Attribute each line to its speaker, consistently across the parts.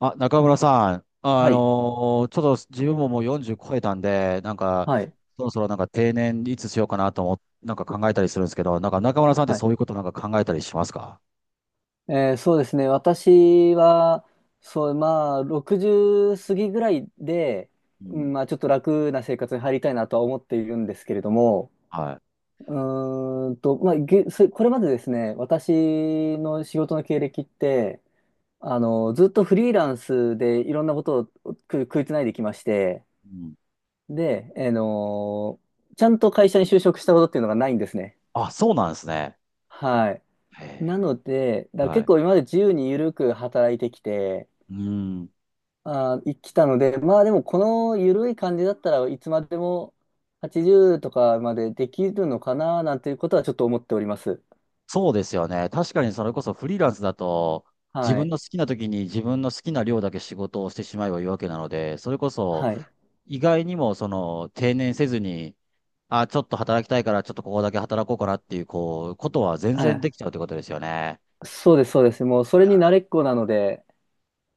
Speaker 1: あ、中村さん、
Speaker 2: はい。
Speaker 1: ちょっと自分ももう40超えたんで、なんか、
Speaker 2: はい。
Speaker 1: そろそろなんか定年いつしようかなと思っなんか考えたりするんですけど、なんか中村さんって
Speaker 2: はい。
Speaker 1: そういうことなんか考えたりしますか？
Speaker 2: そうですね。私は、そう、まあ、60過ぎぐらいで、
Speaker 1: う
Speaker 2: う
Speaker 1: ん。
Speaker 2: んまあ、ちょっと楽な生活に入りたいなとは思っているんですけれども、
Speaker 1: はい。
Speaker 2: うまあ、これまでですね、私の仕事の経歴って、ずっとフリーランスでいろんなことを食いつないできまして、
Speaker 1: うん。
Speaker 2: で、ちゃんと会社に就職したことっていうのがないんですね。
Speaker 1: あ、そうなんですね。
Speaker 2: はい。
Speaker 1: へえ。
Speaker 2: なので、だから
Speaker 1: は
Speaker 2: 結
Speaker 1: い。
Speaker 2: 構今まで自由に緩く働いてきて、
Speaker 1: うん。
Speaker 2: 生きたので、まあでもこの緩い感じだったらいつまでも80とかまでできるのかななんていうことはちょっと思っております。
Speaker 1: そうですよね。確かにそれこそフリーランスだと、自
Speaker 2: は
Speaker 1: 分
Speaker 2: い。
Speaker 1: の好きな時に自分の好きな量だけ仕事をしてしまえばいいわけなので、それこそ、
Speaker 2: はい。
Speaker 1: 意外にもその定年せずに、あ、ちょっと働きたいから、ちょっとここだけ働こうかなっていう、こう、ことは全
Speaker 2: は
Speaker 1: 然
Speaker 2: い。
Speaker 1: できちゃうってことですよね。
Speaker 2: そうです、そうです。もうそれに慣れっこなので、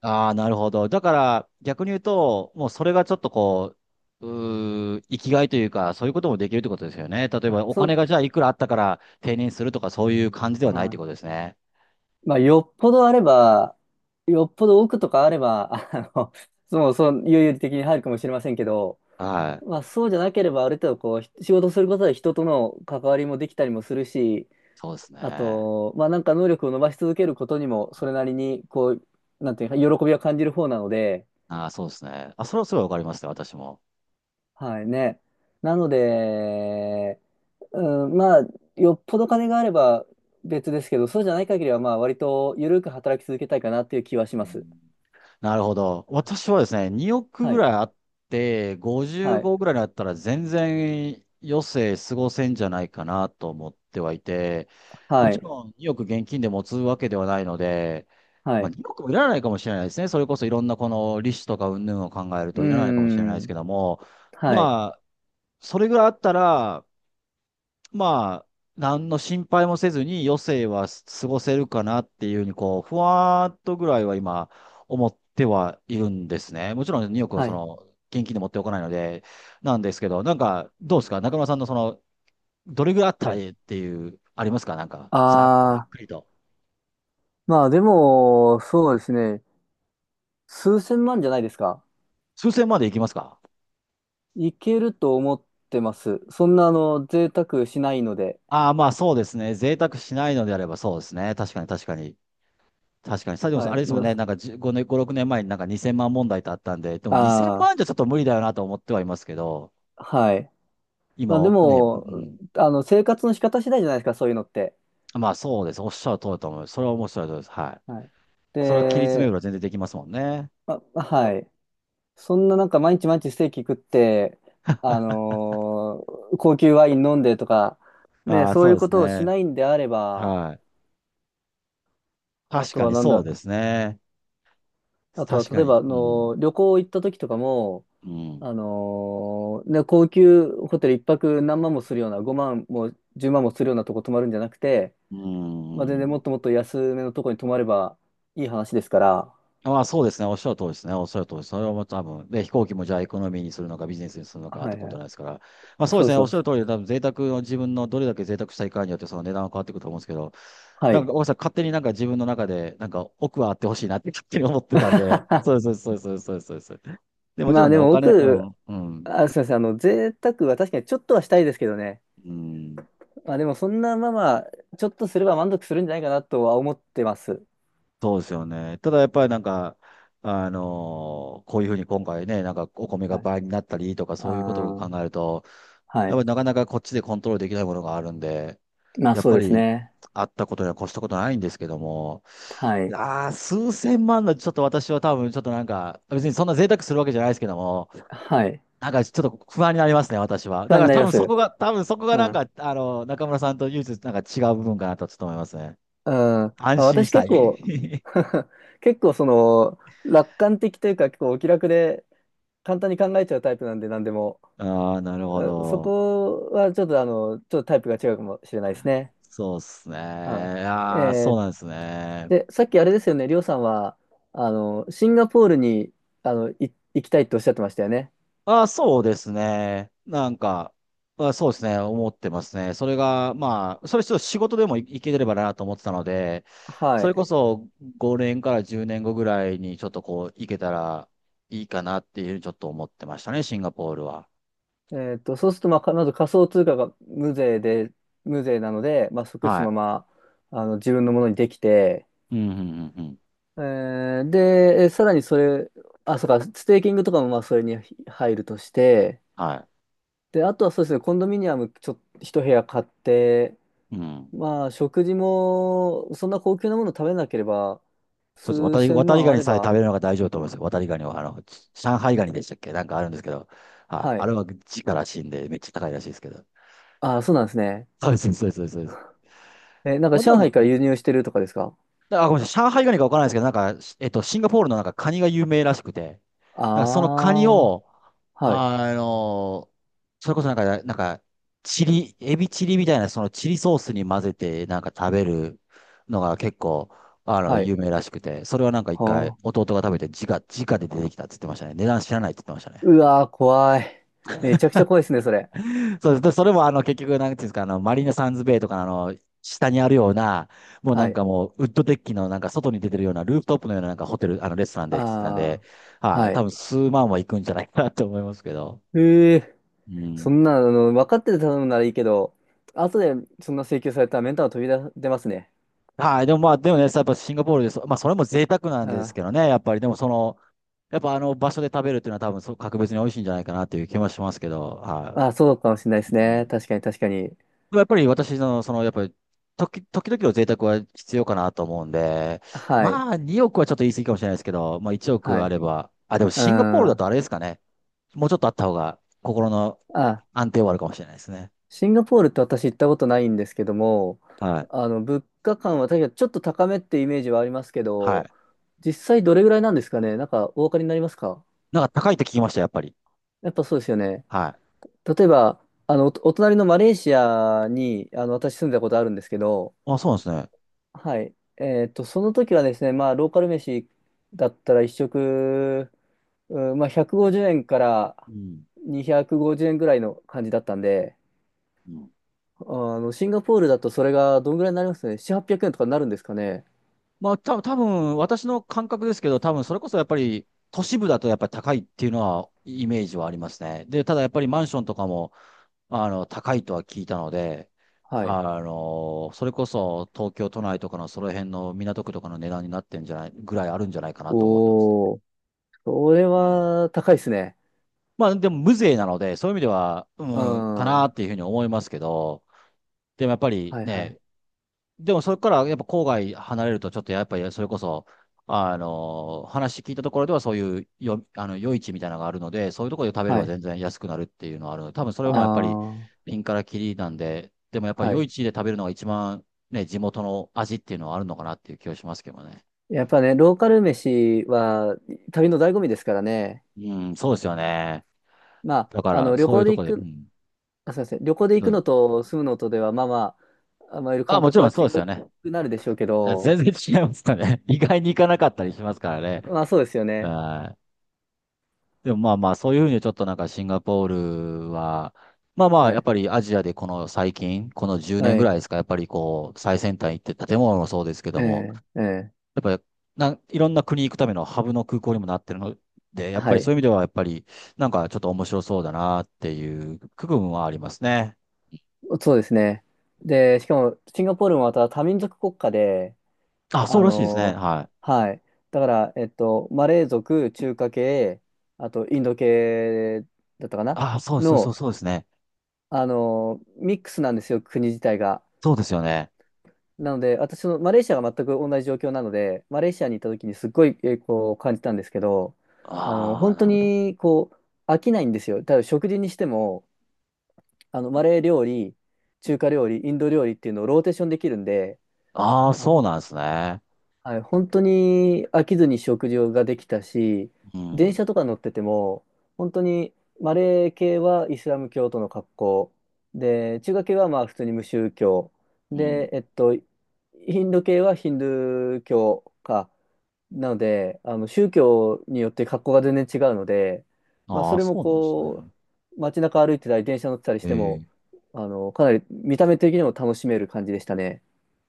Speaker 1: ああ、なるほど。だから、逆に言うと、もうそれがちょっとこう、生きがいというか、そういうこともできるってことですよね。例えば、
Speaker 2: あ、
Speaker 1: お
Speaker 2: そう、
Speaker 1: 金がじゃあいくらあったから定年するとか、そういう感じで
Speaker 2: う
Speaker 1: はないって
Speaker 2: ん。
Speaker 1: ことですね。
Speaker 2: まあよっぽどあれば、よっぽど奥とかあれば、もうそう、有々的に入るかもしれませんけど、
Speaker 1: は
Speaker 2: ま
Speaker 1: い。
Speaker 2: あそうじゃなければある程度こう仕事することで人との関わりもできたりもするし、
Speaker 1: そうです
Speaker 2: あ
Speaker 1: ね。
Speaker 2: と、まあなんか能力を伸ばし続けることにもそれなりにこう、なんていうか、喜びは感じる方なので、
Speaker 1: ああ、そうですね。あ、それはすごいわかりますね、私も。
Speaker 2: はいね。なので、うん、まあよっぽど金があれば別ですけど、そうじゃない限りはまあ割と緩く働き続けたいかなっていう気はし
Speaker 1: う
Speaker 2: ます。
Speaker 1: んなるほど。私はですね、2億
Speaker 2: は
Speaker 1: ぐ
Speaker 2: い。
Speaker 1: らいあって、
Speaker 2: はい。
Speaker 1: 55ぐらいになったら全然余生過ごせんじゃないかなと思ってはいて、も
Speaker 2: は
Speaker 1: ち
Speaker 2: い。
Speaker 1: ろん2億現金で持つわけではないので、
Speaker 2: は
Speaker 1: まあ、
Speaker 2: い。
Speaker 1: 2億いらないかもしれないですね。それこそいろんなこの利子とか云々を考える
Speaker 2: うー
Speaker 1: といらないかもしれないですけ
Speaker 2: ん。
Speaker 1: ども、
Speaker 2: はい。
Speaker 1: まあ、それぐらいあったら、まあ、何の心配もせずに余生は過ごせるかなっていうふうに、こう、ふわーっとぐらいは今、思ってはいるんですね。もちろん2億を
Speaker 2: は
Speaker 1: そ
Speaker 2: い。
Speaker 1: の、現金で持っておかないので、なんですけど、なんか、どうですか中村さんのその、どれぐらいあった
Speaker 2: は
Speaker 1: らい
Speaker 2: い。
Speaker 1: いっていう、ありますかなんか、ざざっ
Speaker 2: ああ、
Speaker 1: くりと。
Speaker 2: まあでも、そうですね。数千万じゃないですか。
Speaker 1: 数千までいきますか？
Speaker 2: いけると思ってます。そんな、贅沢しないので。
Speaker 1: ああー、まあそうですね。贅沢しないのであればそうですね。確かに確かに。確かに、サジモさん、あ
Speaker 2: は
Speaker 1: れですもんね、な
Speaker 2: い。
Speaker 1: んか5年、5、6年前になんか2000万問題ってあったんで、でも2000
Speaker 2: あ
Speaker 1: 万じゃちょっと無理だよなと思ってはいますけど、
Speaker 2: あはい。まあ、で
Speaker 1: 今ね、う
Speaker 2: も、生活の仕方次第じゃないですか、そういうのって。
Speaker 1: ん、まあそうです。おっしゃる通りだと思います。それは面白いです。はい。
Speaker 2: はい。
Speaker 1: それは切り詰めれ
Speaker 2: で、
Speaker 1: ば全然できますもんね。
Speaker 2: あ、はい。そんななんか毎日毎日ステーキ食って、あの高級ワイン飲んでとか、ね、
Speaker 1: ああ、
Speaker 2: そう
Speaker 1: そ
Speaker 2: い
Speaker 1: う
Speaker 2: う
Speaker 1: で
Speaker 2: こ
Speaker 1: す
Speaker 2: とをし
Speaker 1: ね。
Speaker 2: ないんであれば、
Speaker 1: はい。
Speaker 2: あ
Speaker 1: 確
Speaker 2: と
Speaker 1: か
Speaker 2: は
Speaker 1: に
Speaker 2: なん
Speaker 1: そう
Speaker 2: だ、
Speaker 1: ですね。
Speaker 2: あとは
Speaker 1: 確か
Speaker 2: 例えば、
Speaker 1: に。うん。
Speaker 2: 旅行行った時とかも、
Speaker 1: うん。
Speaker 2: ね、高級ホテル一泊何万もするような、5万も10万もするようなとこ泊まるんじゃなくて、
Speaker 1: う
Speaker 2: まあ、全然も
Speaker 1: ん。
Speaker 2: っともっと安めのとこに泊まればいい話ですから、
Speaker 1: まあそうですね。おっしゃる通りですね。おっしゃる通りです。それはもう多分、で、飛行機もじゃあエコノミーにするのかビジネスにするのかっ
Speaker 2: は
Speaker 1: て
Speaker 2: い
Speaker 1: こ
Speaker 2: は
Speaker 1: と
Speaker 2: い。
Speaker 1: なんですから。まあそうで
Speaker 2: そう
Speaker 1: す
Speaker 2: です
Speaker 1: ね。
Speaker 2: そ
Speaker 1: おっ
Speaker 2: う
Speaker 1: しゃ
Speaker 2: で
Speaker 1: る
Speaker 2: す。
Speaker 1: 通りで、多分贅沢の自分のどれだけ贅沢したいかによってその値段は変わってくると思うんですけど、
Speaker 2: は
Speaker 1: なん
Speaker 2: い。
Speaker 1: か、大川さん、勝手になんか自分の中で、なんか奥はあってほしいなって勝手に思ってたんで、そうです、そうです、そうです、そうです。そうです。で、もち
Speaker 2: ま
Speaker 1: ろ
Speaker 2: あ
Speaker 1: んね、
Speaker 2: で
Speaker 1: お
Speaker 2: も
Speaker 1: 金、う
Speaker 2: 僕、
Speaker 1: ん、うん、
Speaker 2: あ、すみません、贅沢は確かにちょっとはしたいですけどね。
Speaker 1: うん、
Speaker 2: まあでもそんなまあまあ、ちょっとすれば満足するんじゃないかなとは思ってます。
Speaker 1: そうですよね。ただやっぱりなんか、こういうふうに今回ね、なんかお米が
Speaker 2: はい。
Speaker 1: 倍になったりとか
Speaker 2: あ
Speaker 1: そういうことを
Speaker 2: あ、
Speaker 1: 考えると、
Speaker 2: は
Speaker 1: やっぱ
Speaker 2: い。
Speaker 1: りなかなかこっちでコントロールできないものがあるんで、
Speaker 2: まあ
Speaker 1: やっ
Speaker 2: そう
Speaker 1: ぱ
Speaker 2: です
Speaker 1: り
Speaker 2: ね。
Speaker 1: あったことには越したことないんですけども、
Speaker 2: はい。
Speaker 1: ああ、数千万のちょっと私は多分ちょっとなんか、別にそんな贅沢するわけじゃないですけども、
Speaker 2: はい。
Speaker 1: なんかちょっと不安になりますね、私は。
Speaker 2: 不
Speaker 1: だ
Speaker 2: 安
Speaker 1: か
Speaker 2: に
Speaker 1: ら
Speaker 2: なり
Speaker 1: 多
Speaker 2: ま
Speaker 1: 分そ
Speaker 2: す。
Speaker 1: こが、多分そこが
Speaker 2: う
Speaker 1: なん
Speaker 2: ん。
Speaker 1: か、あの、中村さんと唯一なんか違う部分かなとちょっと思いますね。
Speaker 2: うんあ、
Speaker 1: 安心し
Speaker 2: 私
Speaker 1: た
Speaker 2: 結構
Speaker 1: い。
Speaker 2: 結構その楽観的というか結構お気楽で簡単に考えちゃうタイプなんで何でも。
Speaker 1: ああ、なるほ
Speaker 2: あそ
Speaker 1: ど。
Speaker 2: こはちょっとちょっとタイプが違うかもしれないですね。
Speaker 1: そうですね。
Speaker 2: はい、
Speaker 1: ああ、そうなんですね。
Speaker 2: でさっきあれですよね、りょうさんはシンガポールにあのい行きたいっておっしゃってましたよね。
Speaker 1: あ、そうですね。なんか、あ、そうですね。思ってますね。それが、まあ、それちょっと仕事でもいければなと思ってたので、
Speaker 2: は
Speaker 1: それこ
Speaker 2: い。
Speaker 1: そ5年から10年後ぐらいにちょっとこう、行けたらいいかなっていうふうにちょっと思ってましたね、シンガポールは。
Speaker 2: そうすると、まあ、まず仮想通貨が無税で、無税なので、まあ、即そ
Speaker 1: は
Speaker 2: の
Speaker 1: い。
Speaker 2: まま自分のものにできて、
Speaker 1: うん、うん、うん、うん。
Speaker 2: ーで、さらにそれ、あ、そうか、ステーキングとかもまあそれに入るとして、
Speaker 1: は
Speaker 2: で、あとはそうですね、コンドミニアム一部屋買って、
Speaker 1: い。うん。
Speaker 2: まあ食事もそんな高級なもの食べなければ、
Speaker 1: そうです。
Speaker 2: 数
Speaker 1: 渡り、
Speaker 2: 千
Speaker 1: 渡り
Speaker 2: 万
Speaker 1: ガ
Speaker 2: あ
Speaker 1: ニ
Speaker 2: れ
Speaker 1: さえ食べ
Speaker 2: ば、
Speaker 1: るのが大丈夫だと思いますよ。渡りガニは、あの、上海ガニでしたっけなんかあるんですけど、はい。
Speaker 2: は
Speaker 1: あ
Speaker 2: い。
Speaker 1: れは地から死んでめっちゃ高いらしいですけど。
Speaker 2: あ、そうなんですね。
Speaker 1: そうです、そうです、そうです。そうです
Speaker 2: え、なんか
Speaker 1: まあで
Speaker 2: 上
Speaker 1: も、
Speaker 2: 海から輸入してるとかですか？
Speaker 1: あ、ごめんなさい。上海ガニかわからないですけど、なんか、シンガポールのなんかカニが有名らしくて、なんかその
Speaker 2: あ
Speaker 1: カニ
Speaker 2: あ
Speaker 1: を、
Speaker 2: ー、はい、
Speaker 1: あの、それこそなんか、なんか、エビチリみたいな、そのチリソースに混ぜてなんか食べるのが結構、あの、
Speaker 2: は
Speaker 1: 有
Speaker 2: い。
Speaker 1: 名らしくて、それはなんか一回
Speaker 2: はあ、
Speaker 1: 弟が食べて、直で出てきたって言ってましたね。値段知らないって言ってましたね。
Speaker 2: うわー、怖い。めちゃくちゃ怖いですね、それ。
Speaker 1: そうです。でそれもあの結局、なんていうんですか、あの、マリーナサンズベイとかのあの、下にあるような、もうな
Speaker 2: は
Speaker 1: ん
Speaker 2: い。
Speaker 1: かもう、ウッドデッキのなんか外に出てるような、ルーフトップのようななんかホテル、あの、レストランでって言ってたん
Speaker 2: あ
Speaker 1: で、
Speaker 2: あ、
Speaker 1: はい、
Speaker 2: は
Speaker 1: 多
Speaker 2: い。
Speaker 1: 分数万は行くんじゃないかなと思いますけど。
Speaker 2: ええ
Speaker 1: う
Speaker 2: そ
Speaker 1: ん。
Speaker 2: んな、分かってて頼むならいいけど、後でそんな請求されたらメンタル飛び出、出ますね。
Speaker 1: はい、でもまあ、でもね、やっぱシンガポールでまあ、それも贅沢な
Speaker 2: う
Speaker 1: んです
Speaker 2: ん。
Speaker 1: けどね、やっぱり、でもその、やっぱあの場所で食べるっていうのは多分そう、格別に美味しいんじゃないかなっていう気もしますけど、は
Speaker 2: あ、そうかもしれないで
Speaker 1: い。う
Speaker 2: すね。
Speaker 1: ん
Speaker 2: 確かに確かに。
Speaker 1: やっぱり私の、その、やっぱり、時々の贅沢は必要かなと思うんで、
Speaker 2: はい。
Speaker 1: まあ、2億はちょっと言い過ぎかもしれないですけど、まあ、1
Speaker 2: は
Speaker 1: 億あ
Speaker 2: い。
Speaker 1: れば、あ、でも
Speaker 2: う
Speaker 1: シンガポールだ
Speaker 2: ん。
Speaker 1: とあれですかね。もうちょっとあった方が、心の
Speaker 2: あ、
Speaker 1: 安定はあるかもしれないですね。
Speaker 2: シンガポールって私行ったことないんですけども、
Speaker 1: はい。
Speaker 2: 物価感は確かにちょっと高めってイメージはありますけ
Speaker 1: は
Speaker 2: ど、
Speaker 1: い。
Speaker 2: 実際どれぐらいなんですかね。なんかお分かりになりますか？
Speaker 1: なんか高いって聞きました、やっぱり。
Speaker 2: やっぱそうですよね。
Speaker 1: はい。
Speaker 2: 例えば、お隣のマレーシアに、私住んだことあるんですけど、
Speaker 1: あ、そうなんですね。
Speaker 2: はい。その時はですね、まあ、ローカル飯だったら一食、うんまあ、150円から
Speaker 1: うん。
Speaker 2: 250円ぐらいの感じだったんで、
Speaker 1: うん
Speaker 2: あシンガポールだとそれがどんぐらいになりますね。7、800円とかになるんですかね？
Speaker 1: まあ、多分私の感覚ですけど、多分それこそやっぱり、都市部だとやっぱり高いっていうのは、イメージはありますね。で、ただやっぱりマンションとかも、あの、高いとは聞いたので、
Speaker 2: はい。
Speaker 1: あの、それこそ東京都内とかのその辺の港区とかの値段になってんじゃない、ぐらいあるんじゃないかなと思ってますね。
Speaker 2: おー、それ
Speaker 1: うん
Speaker 2: は高いですね。
Speaker 1: まあでも無税なので、そういう意味では、
Speaker 2: う
Speaker 1: うん、か
Speaker 2: ん。
Speaker 1: な
Speaker 2: は
Speaker 1: っていうふうに思いますけど、でもやっぱり
Speaker 2: いはい。
Speaker 1: ね、でもそれからやっぱ郊外離れるとちょっとやっぱりそれこそ、あの、話聞いたところではそういうよ、あの、夜市みたいなのがあるので、そういうところで食べれ
Speaker 2: は
Speaker 1: ば
Speaker 2: い。
Speaker 1: 全然安くなるっていうのはあるので、多分そ
Speaker 2: あ
Speaker 1: れもやっぱり
Speaker 2: あ、
Speaker 1: ピンからキリなんで、でもやっぱり
Speaker 2: は
Speaker 1: 夜
Speaker 2: い。
Speaker 1: 市で食べるのが一番ね、地元の味っていうのはあるのかなっていう気がしますけどね。
Speaker 2: やっぱね、ローカル飯は旅の醍醐味ですからね。
Speaker 1: うん、そうですよね。
Speaker 2: ま
Speaker 1: だか
Speaker 2: あ、
Speaker 1: ら
Speaker 2: 旅
Speaker 1: そういう
Speaker 2: 行で
Speaker 1: とこ
Speaker 2: 行
Speaker 1: ろで、う
Speaker 2: く
Speaker 1: ん。
Speaker 2: あ、すみません。旅行で行
Speaker 1: ど
Speaker 2: く
Speaker 1: うぞ
Speaker 2: のと住むのとでは、まあまあ、いる
Speaker 1: あ、
Speaker 2: 感
Speaker 1: もち
Speaker 2: 覚
Speaker 1: ろ
Speaker 2: は
Speaker 1: んそ
Speaker 2: 違
Speaker 1: うですよ
Speaker 2: く
Speaker 1: ね。
Speaker 2: なるでしょうけ
Speaker 1: 全
Speaker 2: ど、
Speaker 1: 然違いますかね。意外に行かなかったりしますからね。
Speaker 2: まあそうですよね。
Speaker 1: はい。でもまあまあ、そういうふうにちょっとなんかシンガポールは、まあまあ、
Speaker 2: は
Speaker 1: やっ
Speaker 2: い。
Speaker 1: ぱりアジアでこの最近、この10年
Speaker 2: は
Speaker 1: ぐら
Speaker 2: い。
Speaker 1: いですか、やっぱりこう、最先端行って建物もそうですけど
Speaker 2: え
Speaker 1: も、
Speaker 2: え、ええ、
Speaker 1: やっぱりいろんな国行くためのハブの空港にもなってるので、やっぱ
Speaker 2: は
Speaker 1: り
Speaker 2: い。
Speaker 1: そういう意味ではやっぱりなんかちょっと面白そうだなっていう区分はありますね。
Speaker 2: そうですね。で、しかも、シンガポールもまた多民族国家で、
Speaker 1: あ、そう
Speaker 2: あ
Speaker 1: らしいですね。
Speaker 2: の
Speaker 1: はい。
Speaker 2: はい。だから、マレー族、中華系、あと、インド系だったかな
Speaker 1: あ、そうそうそう
Speaker 2: の、
Speaker 1: そうですね。
Speaker 2: ミックスなんですよ、国自体が。
Speaker 1: そうですよね。
Speaker 2: なので、私のマレーシアが全く同じ状況なので、マレーシアに行った時にすっごい、こう感じたんですけど、
Speaker 1: ああ、
Speaker 2: 本
Speaker 1: な
Speaker 2: 当
Speaker 1: るほど。
Speaker 2: にこう飽きないんですよ。ただ食事にしても、マレー料理、中華料理、インド料理っていうのをローテーションできるんで、
Speaker 1: ああ、
Speaker 2: あ
Speaker 1: そうなんですね。
Speaker 2: はい、本当に飽きずに食事ができたし、
Speaker 1: う
Speaker 2: 電
Speaker 1: ん。
Speaker 2: 車とか乗ってても、本当にマレー系はイスラム教徒の格好、で、中華系はまあ普通に無宗教、
Speaker 1: うん。
Speaker 2: で、インド系はヒンドゥー教か、なので、宗教によって格好が全然違うので、まあ、そ
Speaker 1: ああ、
Speaker 2: れも
Speaker 1: そうなんです
Speaker 2: こ
Speaker 1: ね。
Speaker 2: う、街中歩いてたり、電車乗ってたりしても、
Speaker 1: ええ。
Speaker 2: かなり見た目的にも楽しめる感じでしたね。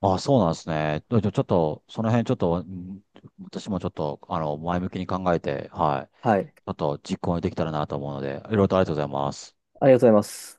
Speaker 1: あ、そうなんですね。でちょっと、その辺ちょっと、私もちょっと、あの、前向きに考えて、はい。
Speaker 2: はい、
Speaker 1: ちょっと実行できたらなと思うので、いろいろとありがとうございます。
Speaker 2: ありがとうございます。